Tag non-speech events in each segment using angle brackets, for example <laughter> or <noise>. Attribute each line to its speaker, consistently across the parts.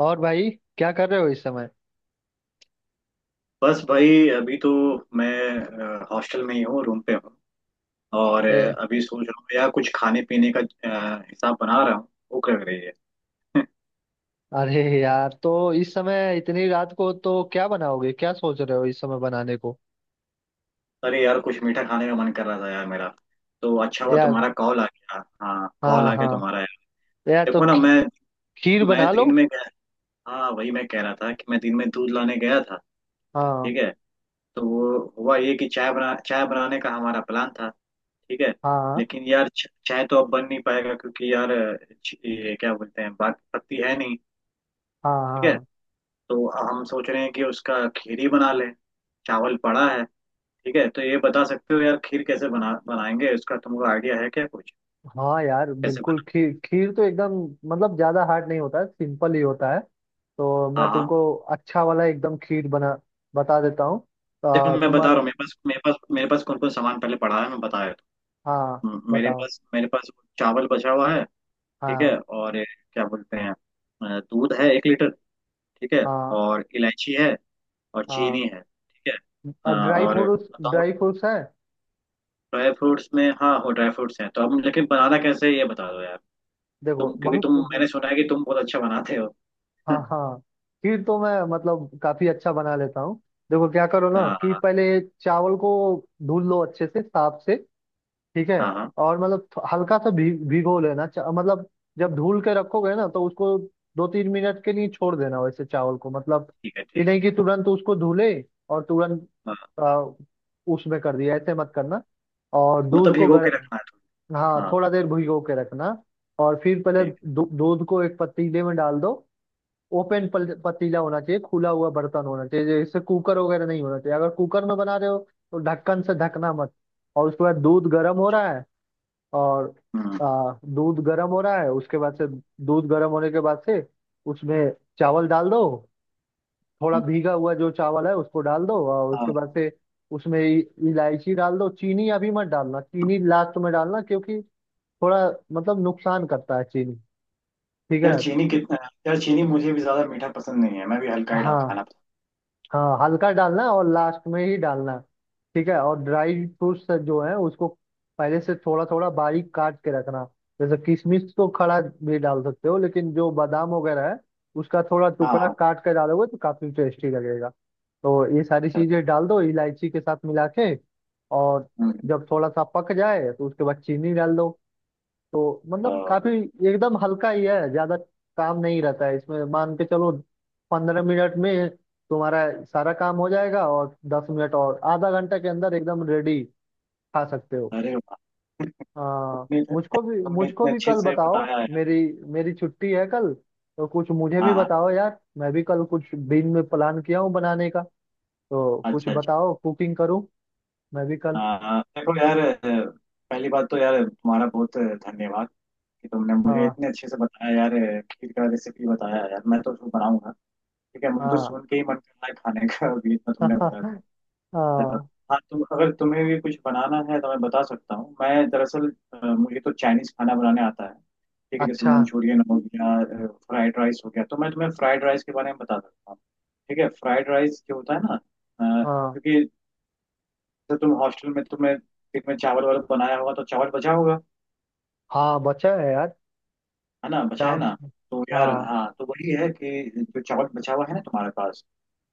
Speaker 1: और भाई, क्या कर रहे हो इस समय?
Speaker 2: बस भाई अभी तो मैं हॉस्टल में ही हूँ, रूम पे हूँ। और
Speaker 1: ए,
Speaker 2: अभी सोच रहा हूँ यार, कुछ खाने पीने का हिसाब बना रहा हूँ। भूख लग रही है। <laughs>
Speaker 1: अरे यार, तो इस समय इतनी रात को तो क्या बनाओगे? क्या सोच रहे हो इस समय बनाने को?
Speaker 2: अरे यार, कुछ मीठा खाने का मन कर रहा था यार मेरा। तो अच्छा हुआ
Speaker 1: यार।
Speaker 2: तुम्हारा कॉल आ गया, हाँ, कॉल
Speaker 1: हाँ,
Speaker 2: आ गया
Speaker 1: हाँ।
Speaker 2: तुम्हारा यार।
Speaker 1: यार तो
Speaker 2: देखो ना, मैं
Speaker 1: खीर
Speaker 2: मैं
Speaker 1: बना लो।
Speaker 2: दिन में गया। हाँ, वही मैं कह रहा था कि मैं दिन में दूध लाने गया था।
Speaker 1: हाँ,
Speaker 2: ठीक है। तो वो हुआ ये कि चाय बनाने का हमारा प्लान था। ठीक है।
Speaker 1: हाँ,
Speaker 2: लेकिन यार चाहे तो अब बन नहीं पाएगा, क्योंकि यार ये क्या बोलते हैं, बाग की पत्ती है नहीं।
Speaker 1: हाँ,
Speaker 2: ठीक है।
Speaker 1: हाँ।
Speaker 2: तो हम सोच रहे हैं कि उसका खीर ही बना लें। चावल पड़ा है। ठीक है, तो ये बता सकते हो यार, खीर कैसे बनाएंगे, उसका तुमको आइडिया है क्या कुछ?
Speaker 1: हाँ यार,
Speaker 2: कैसे
Speaker 1: बिल्कुल।
Speaker 2: बना?
Speaker 1: खीर खीर तो एकदम मतलब ज्यादा हार्ड नहीं होता है, सिंपल ही होता है। तो
Speaker 2: हाँ
Speaker 1: मैं
Speaker 2: हाँ।
Speaker 1: तुमको अच्छा वाला एकदम खीर बना बता देता हूँ।
Speaker 2: देखो, मैं बता रहा
Speaker 1: तुम्हारा।
Speaker 2: हूँ मेरे पास कौन कौन सामान पहले पड़ा है, मैं बता देता
Speaker 1: हाँ,
Speaker 2: हूँ। मेरे
Speaker 1: बताओ।
Speaker 2: पास मेरे पास चावल बचा हुआ है। ठीक
Speaker 1: हाँ,
Speaker 2: है, और ये क्या बोलते हैं, दूध है 1 लीटर। ठीक है।
Speaker 1: हाँ,
Speaker 2: और इलायची है। और
Speaker 1: हाँ।
Speaker 2: चीनी है, ठीक है। हाँ,
Speaker 1: ड्राई
Speaker 2: और
Speaker 1: फ्रूट्स,
Speaker 2: बताओ।
Speaker 1: ड्राई फ्रूट्स है।
Speaker 2: ड्राई फ्रूट्स में, हाँ हो, ड्राई फ्रूट्स हैं तो, अब लेकिन बनाना कैसे है, ये बता दो यार।
Speaker 1: देखो
Speaker 2: तुम क्योंकि
Speaker 1: बहुत।
Speaker 2: तुम, मैंने सुना है कि तुम बहुत अच्छा बनाते हो। <laughs>
Speaker 1: हाँ,
Speaker 2: हाँ
Speaker 1: हाँ। खीर तो मैं मतलब काफी अच्छा बना लेता हूँ। देखो क्या करो ना कि
Speaker 2: हाँ
Speaker 1: पहले चावल को धुल लो अच्छे से, साफ से। ठीक है।
Speaker 2: हाँ हाँ।
Speaker 1: और मतलब हल्का सा भी भिगो लेना, मतलब जब धुल के रखोगे ना तो उसको दो तीन मिनट के लिए छोड़ देना, वैसे चावल को मतलब,
Speaker 2: ठीक है,
Speaker 1: ये
Speaker 2: ठीक है।
Speaker 1: नहीं कि तुरंत उसको धुले और तुरंत
Speaker 2: हाँ,
Speaker 1: आ, उसमें कर दिया, ऐसे मत करना। और
Speaker 2: मतलब
Speaker 1: दूध को
Speaker 2: भिगो के
Speaker 1: गर
Speaker 2: रखना है।
Speaker 1: हाँ,
Speaker 2: थोड़ा। हाँ।
Speaker 1: थोड़ा देर भिगो के रखना। और फिर पहले
Speaker 2: ठीक है।
Speaker 1: दूध को एक पतीले में डाल दो। ओपन पतीला होना चाहिए, खुला हुआ बर्तन होना चाहिए, जैसे कुकर वगैरह नहीं होना चाहिए। अगर कुकर में बना रहे हो तो ढक्कन से ढकना मत। और उसके बाद दूध गर्म हो रहा है, और
Speaker 2: हम्म
Speaker 1: दूध गर्म हो रहा है। उसके बाद से, दूध गर्म होने के बाद से उसमें चावल डाल दो। थोड़ा
Speaker 2: हम्म।
Speaker 1: भीगा हुआ जो चावल है उसको डाल दो, और उसके
Speaker 2: हाँ।
Speaker 1: बाद से उसमें इलायची डाल दो। चीनी अभी मत डालना, चीनी लास्ट में डालना क्योंकि थोड़ा मतलब नुकसान करता है चीनी। ठीक
Speaker 2: यार
Speaker 1: है।
Speaker 2: चीनी कितना? यार चीनी मुझे भी ज्यादा मीठा पसंद नहीं है, मैं भी हल्का ही
Speaker 1: हाँ,
Speaker 2: खाना पसंद।
Speaker 1: हाँ। हल्का डालना, और लास्ट में ही डालना। ठीक है। और ड्राई फ्रूट्स जो है उसको पहले से थोड़ा थोड़ा बारीक काट के रखना। जैसे किशमिश तो खड़ा भी डाल सकते हो, लेकिन जो बादाम वगैरह है उसका थोड़ा
Speaker 2: हाँ
Speaker 1: टुकड़ा
Speaker 2: हाँ।
Speaker 1: काट कर डालोगे तो काफी टेस्टी लगेगा। तो ये सारी
Speaker 2: अच्छा
Speaker 1: चीजें
Speaker 2: अच्छा।
Speaker 1: डाल दो इलायची के साथ मिला के। और
Speaker 2: हम्म।
Speaker 1: जब थोड़ा सा पक जाए तो उसके बाद चीनी डाल दो। तो मतलब
Speaker 2: हाँ।
Speaker 1: काफी एकदम हल्का ही है, ज्यादा काम नहीं रहता है इसमें, मान के चलो। 15 मिनट में तुम्हारा सारा काम हो जाएगा, और 10 मिनट और आधा घंटा के अंदर एकदम रेडी। खा सकते हो।
Speaker 2: अरे वाह! <laughs>
Speaker 1: आ,
Speaker 2: तुमने तो- तुमने
Speaker 1: मुझको
Speaker 2: इतने
Speaker 1: भी
Speaker 2: अच्छे
Speaker 1: कल
Speaker 2: से
Speaker 1: बताओ।
Speaker 2: बताया है।
Speaker 1: मेरी मेरी छुट्टी है कल। तो कुछ मुझे
Speaker 2: हाँ
Speaker 1: भी
Speaker 2: हाँ।
Speaker 1: बताओ यार, मैं भी कल कुछ दिन में प्लान किया हूँ बनाने का। तो कुछ
Speaker 2: अच्छा अच्छा।
Speaker 1: बताओ कुकिंग करूँ मैं भी कल।
Speaker 2: देखो यार, पहली बात तो यार, तुम्हारा बहुत धन्यवाद कि तुमने मुझे
Speaker 1: हाँ,
Speaker 2: इतने अच्छे से बताया यार, खीर का रेसिपी बताया यार, मैं तो उसको बनाऊंगा। ठीक है, मुझे तो
Speaker 1: हाँ।
Speaker 2: सुन के ही मन कर रहा है खाने का, अभी इतना तुमने बता दिया।
Speaker 1: <laughs>
Speaker 2: चलो।
Speaker 1: हाँ।
Speaker 2: हाँ, तुम अगर तुम्हें भी कुछ बनाना है, तो मैं बता सकता हूँ। मैं दरअसल मुझे तो चाइनीज खाना बनाने आता है। ठीक है, जैसे
Speaker 1: अच्छा।
Speaker 2: मंचूरियन हो गया, फ्राइड राइस हो गया, तो मैं तुम्हें फ्राइड राइस के बारे में बता सकता हूँ। ठीक है। फ्राइड राइस जो होता है ना, अ,
Speaker 1: हाँ,
Speaker 2: क्योंकि तो तुम हॉस्टल में, तुम्हें दिन में चावल वावल बनाया होगा तो चावल बचा होगा।
Speaker 1: हाँ। बचा है यार।
Speaker 2: है ना?
Speaker 1: क्या?
Speaker 2: बचा है ना? तो
Speaker 1: हाँ,
Speaker 2: यार हाँ, तो वही है कि जो चावल बचा हुआ है ना तुम्हारे पास,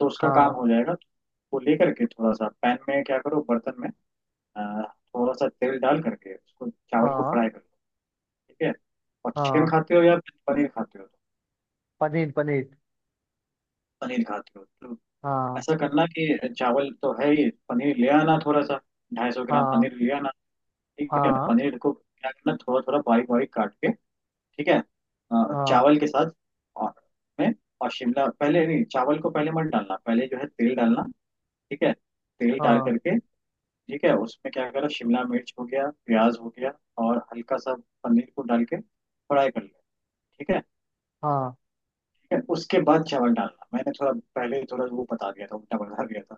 Speaker 2: तो उसका काम
Speaker 1: हाँ,
Speaker 2: हो जाएगा। वो लेकर के थोड़ा सा पैन में, क्या करो, बर्तन में अ, थोड़ा सा तेल डाल करके उसको, चावल को
Speaker 1: हाँ,
Speaker 2: फ्राई कर लो। ठीक है। और चिकन
Speaker 1: हाँ।
Speaker 2: खाते हो या पनीर खाते हो तो?
Speaker 1: पनीर, पनीर।
Speaker 2: पनीर खाते हो तो
Speaker 1: हाँ,
Speaker 2: ऐसा करना कि चावल तो है ही, पनीर ले आना थोड़ा सा, 250 ग्राम
Speaker 1: हाँ,
Speaker 2: पनीर ले आना। ठीक है,
Speaker 1: हाँ,
Speaker 2: पनीर को क्या करना, थोड़ा थोड़ा बारीक बारीक काट के। ठीक है,
Speaker 1: हाँ,
Speaker 2: चावल के साथ और में, और शिमला पहले नहीं, चावल को पहले मत डालना, पहले जो है तेल डालना। ठीक है, तेल डाल
Speaker 1: हाँ,
Speaker 2: करके। ठीक है, उसमें क्या करा, शिमला मिर्च हो गया, प्याज हो गया, और हल्का सा पनीर को डाल के फ्राई कर लिया। ठीक है।
Speaker 1: हाँ,
Speaker 2: ठीक है, उसके बाद चावल डालना, मैंने थोड़ा पहले थोड़ा वो बता दिया था, उल्टा बता दिया था,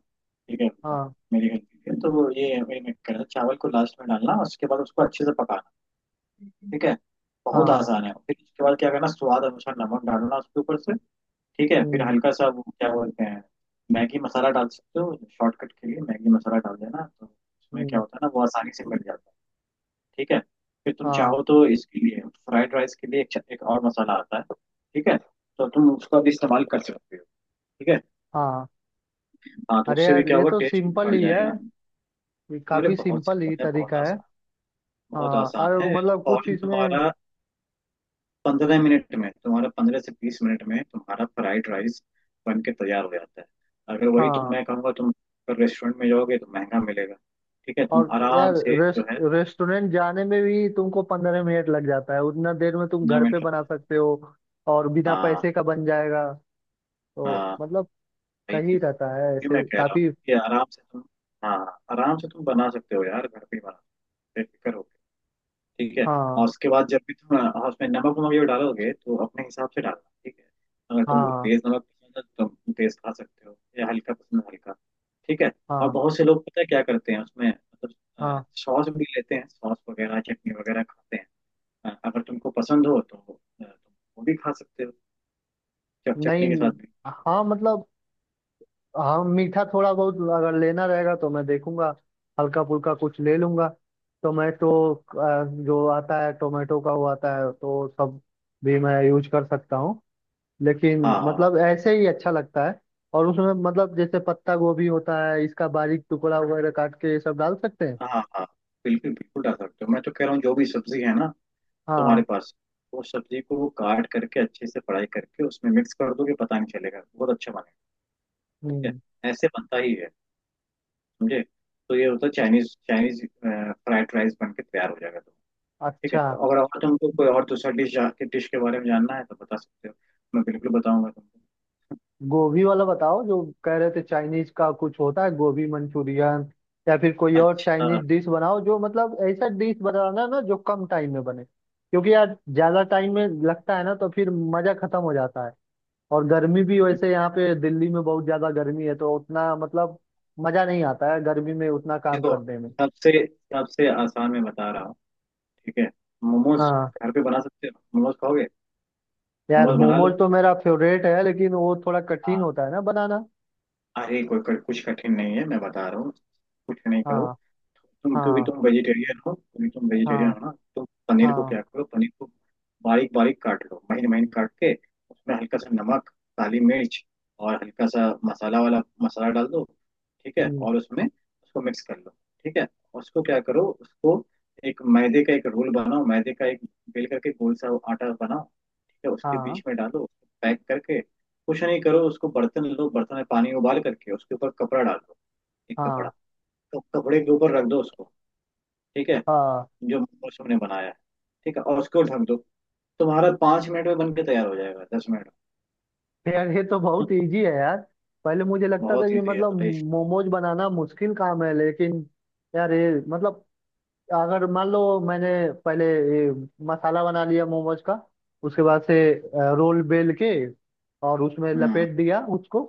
Speaker 2: ठीक है, हाँ।
Speaker 1: हाँ,
Speaker 2: मेरी गलती है, तो वो ये, वही मैं कह रहा था, चावल को लास्ट में डालना, उसके बाद उसको अच्छे से पकाना। ठीक है। बहुत
Speaker 1: हाँ।
Speaker 2: आसान है। फिर उसके बाद क्या करना, स्वाद अनुसार नमक डालना उसके ऊपर से। ठीक है, फिर
Speaker 1: हम्म,
Speaker 2: हल्का सा वो क्या बोलते हैं, मैगी मसाला डाल सकते हो, शॉर्टकट के लिए मैगी मसाला डाल देना, तो उसमें क्या
Speaker 1: हम्म।
Speaker 2: होता है ना, वो आसानी से मिल जाता है। ठीक है। फिर तुम
Speaker 1: हाँ,
Speaker 2: चाहो तो, इसके लिए फ्राइड राइस के लिए, एक और मसाला आता है। ठीक है, तो तुम उसका भी इस्तेमाल कर सकते हो। ठीक है।
Speaker 1: हाँ।
Speaker 2: हाँ, तो
Speaker 1: अरे
Speaker 2: उससे भी
Speaker 1: यार,
Speaker 2: क्या
Speaker 1: ये
Speaker 2: होगा,
Speaker 1: तो
Speaker 2: टेस्ट
Speaker 1: सिंपल
Speaker 2: बढ़
Speaker 1: ही है।
Speaker 2: जाएगा।
Speaker 1: ये
Speaker 2: अरे
Speaker 1: काफी
Speaker 2: बहुत
Speaker 1: सिंपल
Speaker 2: सिंपल
Speaker 1: ही
Speaker 2: है, बहुत
Speaker 1: तरीका है।
Speaker 2: आसान। बहुत
Speaker 1: हाँ,
Speaker 2: आसान
Speaker 1: और
Speaker 2: है।
Speaker 1: मतलब कुछ
Speaker 2: फौरन
Speaker 1: इसमें।
Speaker 2: तुम्हारा 15 मिनट में तुम्हारा, 15 से 20 मिनट में तुम्हारा फ्राइड राइस बन के तैयार हो जाता है। अगर वही तुम,
Speaker 1: हाँ।
Speaker 2: मैं कहूँगा तुम अगर रेस्टोरेंट में जाओगे तो महंगा मिलेगा। ठीक है, तुम
Speaker 1: और
Speaker 2: आराम
Speaker 1: यार,
Speaker 2: से जो है
Speaker 1: रेस्टोरेंट जाने में भी तुमको 15 मिनट लग जाता है, उतना देर में तुम
Speaker 2: पंद्रह
Speaker 1: घर पे
Speaker 2: मिनट
Speaker 1: बना सकते हो। और बिना
Speaker 2: हाँ
Speaker 1: पैसे का बन जाएगा। तो
Speaker 2: हाँ।
Speaker 1: मतलब
Speaker 2: वही
Speaker 1: सही
Speaker 2: चीज़,
Speaker 1: रहता है
Speaker 2: ये मैं
Speaker 1: ऐसे
Speaker 2: कह रहा हूँ
Speaker 1: काफी।
Speaker 2: कि आराम से तुम। हाँ। आराम से तुम बना सकते हो यार, घर पे ही बना, बेफिक्र हो। ठीक है। और
Speaker 1: हाँ,
Speaker 2: उसके बाद जब भी तुम उसमें नमक वमक जब डालोगे, तो अपने हिसाब से डालना। ठीक है। अगर तुमको
Speaker 1: हाँ,
Speaker 2: तेज नमक पसंद है तो तुम तेज खा सकते हो, या हल्का पसंद है, हल्का। ठीक है। और
Speaker 1: हाँ,
Speaker 2: बहुत से लोग पता है क्या करते हैं उसमें, मतलब
Speaker 1: हाँ।
Speaker 2: सॉस भी लेते हैं, सॉस वगैरह, चटनी वगैरह खाते हैं। अगर तुमको पसंद हो तो तुम वो भी खा सकते हो,
Speaker 1: नहीं।
Speaker 2: चटनी के साथ भी।
Speaker 1: हाँ मतलब, हाँ मीठा थोड़ा बहुत अगर लेना रहेगा तो मैं देखूंगा, हल्का फुल्का कुछ ले लूंगा। टोमेटो, जो आता है टोमेटो का वो आता है तो सब भी मैं यूज कर सकता हूँ, लेकिन
Speaker 2: हाँ हाँ
Speaker 1: मतलब ऐसे ही अच्छा लगता है। और उसमें मतलब जैसे पत्ता गोभी होता है, इसका बारीक टुकड़ा वगैरह काट के ये सब डाल सकते हैं।
Speaker 2: हाँ हाँ हाँ। बिल्कुल बिल्कुल डाल सकते हो, मैं तो कह रहा हूँ जो भी सब्जी है ना तुम्हारे
Speaker 1: हाँ।
Speaker 2: पास, वो सब्जी को वो काट करके अच्छे से फ्राई करके उसमें मिक्स कर दोगे, पता नहीं चलेगा, बहुत अच्छा बनेगा। ठीक
Speaker 1: हम्म।
Speaker 2: है, ऐसे बनता ही है, समझे? तो ये होता है चाइनीज, चाइनीज फ्राइड राइस बन के तैयार हो जाएगा तो। ठीक है,
Speaker 1: अच्छा।
Speaker 2: अगर और तुमको कोई और दूसरा डिश के बारे में जानना है तो बता सकते हो, मैं बिल्कुल बताऊंगा तुमको।
Speaker 1: गोभी वाला बताओ, जो कह रहे थे चाइनीज का कुछ होता है गोभी मंचूरियन, या फिर कोई और
Speaker 2: अच्छा,
Speaker 1: चाइनीज डिश बनाओ। जो मतलब ऐसा डिश बनाना ना जो कम टाइम में बने, क्योंकि यार ज्यादा टाइम में लगता है ना तो फिर मजा खत्म हो जाता है। और गर्मी भी वैसे यहाँ पे दिल्ली में बहुत ज्यादा गर्मी है, तो उतना मतलब मजा नहीं आता है गर्मी में उतना काम
Speaker 2: देखो
Speaker 1: करने में।
Speaker 2: सबसे सबसे आसान मैं बता रहा हूँ। ठीक है। मोमोज
Speaker 1: हाँ
Speaker 2: घर पे बना सकते हो, मोमोज खाओगे?
Speaker 1: यार,
Speaker 2: मोमोज बना
Speaker 1: मोमोज तो मेरा फेवरेट है, लेकिन वो थोड़ा
Speaker 2: लो।
Speaker 1: कठिन होता है ना बनाना।
Speaker 2: अरे कोई कोई कुछ कठिन नहीं है, मैं बता रहा हूँ, कुछ नहीं करो।
Speaker 1: हाँ,
Speaker 2: तुम क्योंकि
Speaker 1: हाँ,
Speaker 2: तुम वेजिटेरियन हो, क्योंकि तुम वेजिटेरियन
Speaker 1: हाँ,
Speaker 2: हो ना? तुम पनीर को
Speaker 1: हाँ।
Speaker 2: क्या करो, पनीर को बारीक बारीक काट लो, महीन महीन काट के। उसमें हल्का सा नमक, काली मिर्च, और हल्का सा मसाला वाला मसाला डाल दो। ठीक है,
Speaker 1: हम्म।
Speaker 2: और उसमें उसको मिक्स कर लो। ठीक है। उसको क्या करो, उसको एक मैदे का एक रोल बनाओ, मैदे का एक बेल करके गोल सा आटा बनाओ, ठीक है, उसके
Speaker 1: हाँ,
Speaker 2: बीच में डालो, पैक करके। कुछ नहीं करो, उसको बर्तन लो, बर्तन में पानी उबाल करके उसके ऊपर कपड़ा डाल दो, एक
Speaker 1: हाँ,
Speaker 2: कपड़ा। तो कपड़े के ऊपर रख दो उसको। ठीक है,
Speaker 1: हाँ।
Speaker 2: जो मौसम ने बनाया है। ठीक है, और उसको ढक दो। तुम्हारा 5 मिनट में बन के तैयार हो जाएगा, 10 मिनट
Speaker 1: यार ये तो
Speaker 2: में।
Speaker 1: बहुत इजी है यार। पहले मुझे लगता था
Speaker 2: बहुत
Speaker 1: कि
Speaker 2: इजी है
Speaker 1: मतलब
Speaker 2: भाई।
Speaker 1: मोमोज बनाना मुश्किल काम है, लेकिन यार ये मतलब, अगर मान लो मैंने पहले ये मसाला बना लिया मोमोज का, उसके बाद से रोल बेल के और उसमें
Speaker 2: हम्म हम्म।
Speaker 1: लपेट दिया उसको,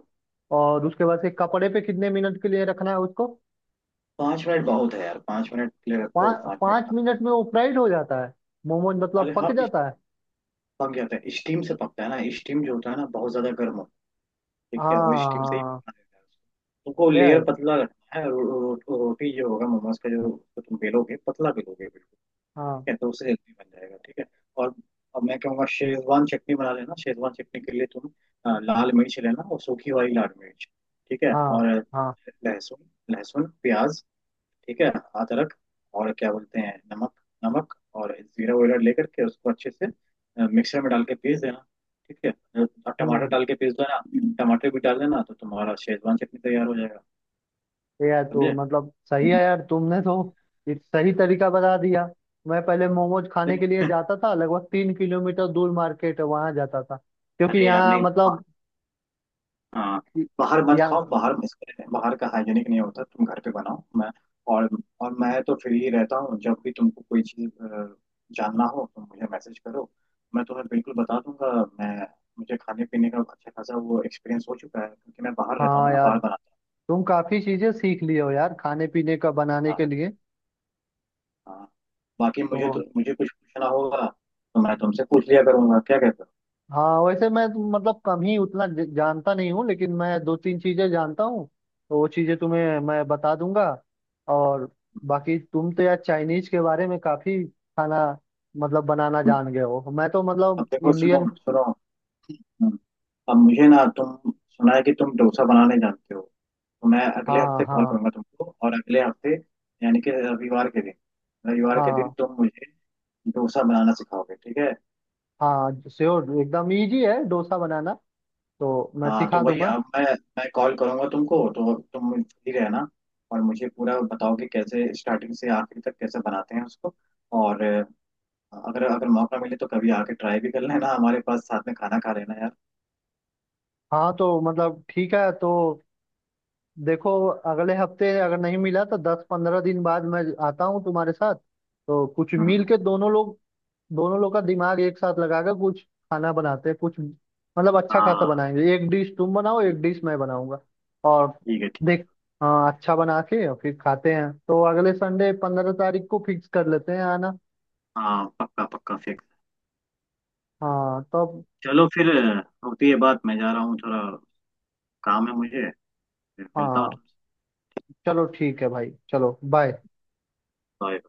Speaker 1: और उसके बाद से कपड़े पे कितने मिनट के लिए रखना है उसको?
Speaker 2: 5 मिनट बहुत है यार, 5 मिनट के लिए रखो,
Speaker 1: पाँच
Speaker 2: 5 मिनट
Speaker 1: पाँच
Speaker 2: खा लो।
Speaker 1: मिनट में वो फ्राइड हो जाता है, मोमोज मतलब
Speaker 2: अरे
Speaker 1: पक
Speaker 2: हाँ
Speaker 1: जाता है।
Speaker 2: पक जाता है, स्टीम से पकता है ना, स्टीम जो होता है ना, बहुत ज्यादा गर्म हो। ठीक
Speaker 1: हाँ,
Speaker 2: है, वो स्टीम से ही
Speaker 1: हाँ
Speaker 2: पकना रहता है उसको। तुमको लेयर
Speaker 1: यार।
Speaker 2: पतला रखना है, रो, रो, रो, रोटी जो होगा मोमोज का, जो जो तुम बेलोगे, पतला बेलोगे। ठीक
Speaker 1: हाँ,
Speaker 2: है, तो उससे जल्दी बन जाएगा। ठीक है। और अब मैं कहूँगा शेजवान चटनी बना लेना, शेजवान चटनी के लिए तुम लाल मिर्च लेना, और सूखी वाली लाल मिर्च। ठीक है,
Speaker 1: हाँ,
Speaker 2: और
Speaker 1: हाँ।
Speaker 2: लहसुन, लहसुन प्याज। ठीक है, अदरक, और क्या बोलते हैं, नमक, नमक, और जीरा वगैरह लेकर के उसको अच्छे से मिक्सर में डाल के पीस देना। ठीक है, और टमाटर
Speaker 1: हम्म।
Speaker 2: डाल के पीस देना। टमाटर भी डाल देना, तो तुम्हारा शेजवान चटनी तैयार हो जाएगा,
Speaker 1: ये यार तो
Speaker 2: समझे?
Speaker 1: मतलब सही है यार, तुमने तो एक सही तरीका बता दिया। मैं पहले मोमोज खाने के लिए
Speaker 2: <laughs>
Speaker 1: जाता था, लगभग 3 किलोमीटर दूर मार्केट है, वहां जाता था, क्योंकि
Speaker 2: अरे यार
Speaker 1: यहाँ
Speaker 2: नहीं।
Speaker 1: मतलब
Speaker 2: हाँ, बाहर मत
Speaker 1: यहाँ।
Speaker 2: खाओ, बाहर इसके बाहर का हाइजीनिक नहीं होता, तुम घर पे बनाओ। मैं और और मैं तो फ्री रहता हूँ, जब भी तुमको कोई चीज़ जानना हो तो मुझे मैसेज करो, मैं तुम्हें बिल्कुल बता दूंगा। मैं, मुझे खाने पीने का अच्छा खासा वो एक्सपीरियंस हो चुका है क्योंकि मैं बाहर रहता हूँ
Speaker 1: हाँ
Speaker 2: ना,
Speaker 1: यार,
Speaker 2: बाहर बनाता
Speaker 1: तुम काफी चीजें सीख लिए हो यार खाने पीने का बनाने
Speaker 2: हूँ।
Speaker 1: के
Speaker 2: हाँ
Speaker 1: लिए
Speaker 2: हाँ। बाकी
Speaker 1: तो।
Speaker 2: मुझे कुछ पूछना होगा, तो मैं तुमसे पूछ लिया करूंगा, क्या कहते हो?
Speaker 1: हाँ वैसे मैं तो मतलब कम ही उतना जानता नहीं हूँ, लेकिन मैं दो तीन चीजें जानता हूँ। तो वो चीजें तुम्हें मैं बता दूंगा। और बाकी तुम तो यार चाइनीज के बारे में काफी खाना मतलब बनाना
Speaker 2: हम्म।
Speaker 1: जान गए हो, मैं तो
Speaker 2: अब
Speaker 1: मतलब
Speaker 2: देखो, सुनो
Speaker 1: इंडियन।
Speaker 2: सुनो। हम्म। अब मुझे ना तुम, सुना है कि तुम डोसा बनाने जानते हो, तो मैं अगले
Speaker 1: हाँ,
Speaker 2: हफ्ते कॉल
Speaker 1: हाँ,
Speaker 2: करूंगा तुमको, और अगले हफ्ते यानी कि रविवार के दिन, रविवार के दिन
Speaker 1: हाँ,
Speaker 2: तुम मुझे डोसा बनाना सिखाओगे, ठीक है?
Speaker 1: हाँ। श्योर, एकदम इजी है डोसा बनाना, तो मैं
Speaker 2: हाँ तो
Speaker 1: सिखा
Speaker 2: वही,
Speaker 1: दूंगा।
Speaker 2: अब मैं कॉल करूंगा तुमको तो तुम फ्री रहना, और मुझे पूरा बताओ कि कैसे स्टार्टिंग से आखिर तक कैसे बनाते हैं उसको। और अगर अगर मौका मिले तो कभी आके ट्राई भी कर लेना हमारे पास, साथ में खाना खा लेना यार।
Speaker 1: हाँ तो मतलब, ठीक है तो देखो, अगले हफ्ते अगर नहीं मिला तो 10-15 दिन बाद मैं आता हूँ तुम्हारे साथ, तो कुछ मिल
Speaker 2: हम्म।
Speaker 1: के दोनों लोग, दोनों लोग का दिमाग एक साथ लगाकर कुछ खाना बनाते हैं। कुछ मतलब अच्छा
Speaker 2: हाँ
Speaker 1: खासा
Speaker 2: हाँ,
Speaker 1: बनाएंगे, एक डिश तुम बनाओ
Speaker 2: ठीक,
Speaker 1: एक डिश मैं बनाऊंगा। और
Speaker 2: ठीक है, ठीक
Speaker 1: देख, हाँ, अच्छा बना के और फिर खाते हैं, तो अगले संडे 15 तारीख को फिक्स कर लेते हैं आना।
Speaker 2: है। हाँ पक्का, पक्का फिक्स।
Speaker 1: हाँ तो अब,
Speaker 2: चलो फिर होती है बात, मैं जा रहा हूँ थोड़ा, काम है मुझे, मिलता हूँ
Speaker 1: हाँ
Speaker 2: तुमसे।
Speaker 1: चलो, ठीक है भाई, चलो बाय।
Speaker 2: बाय।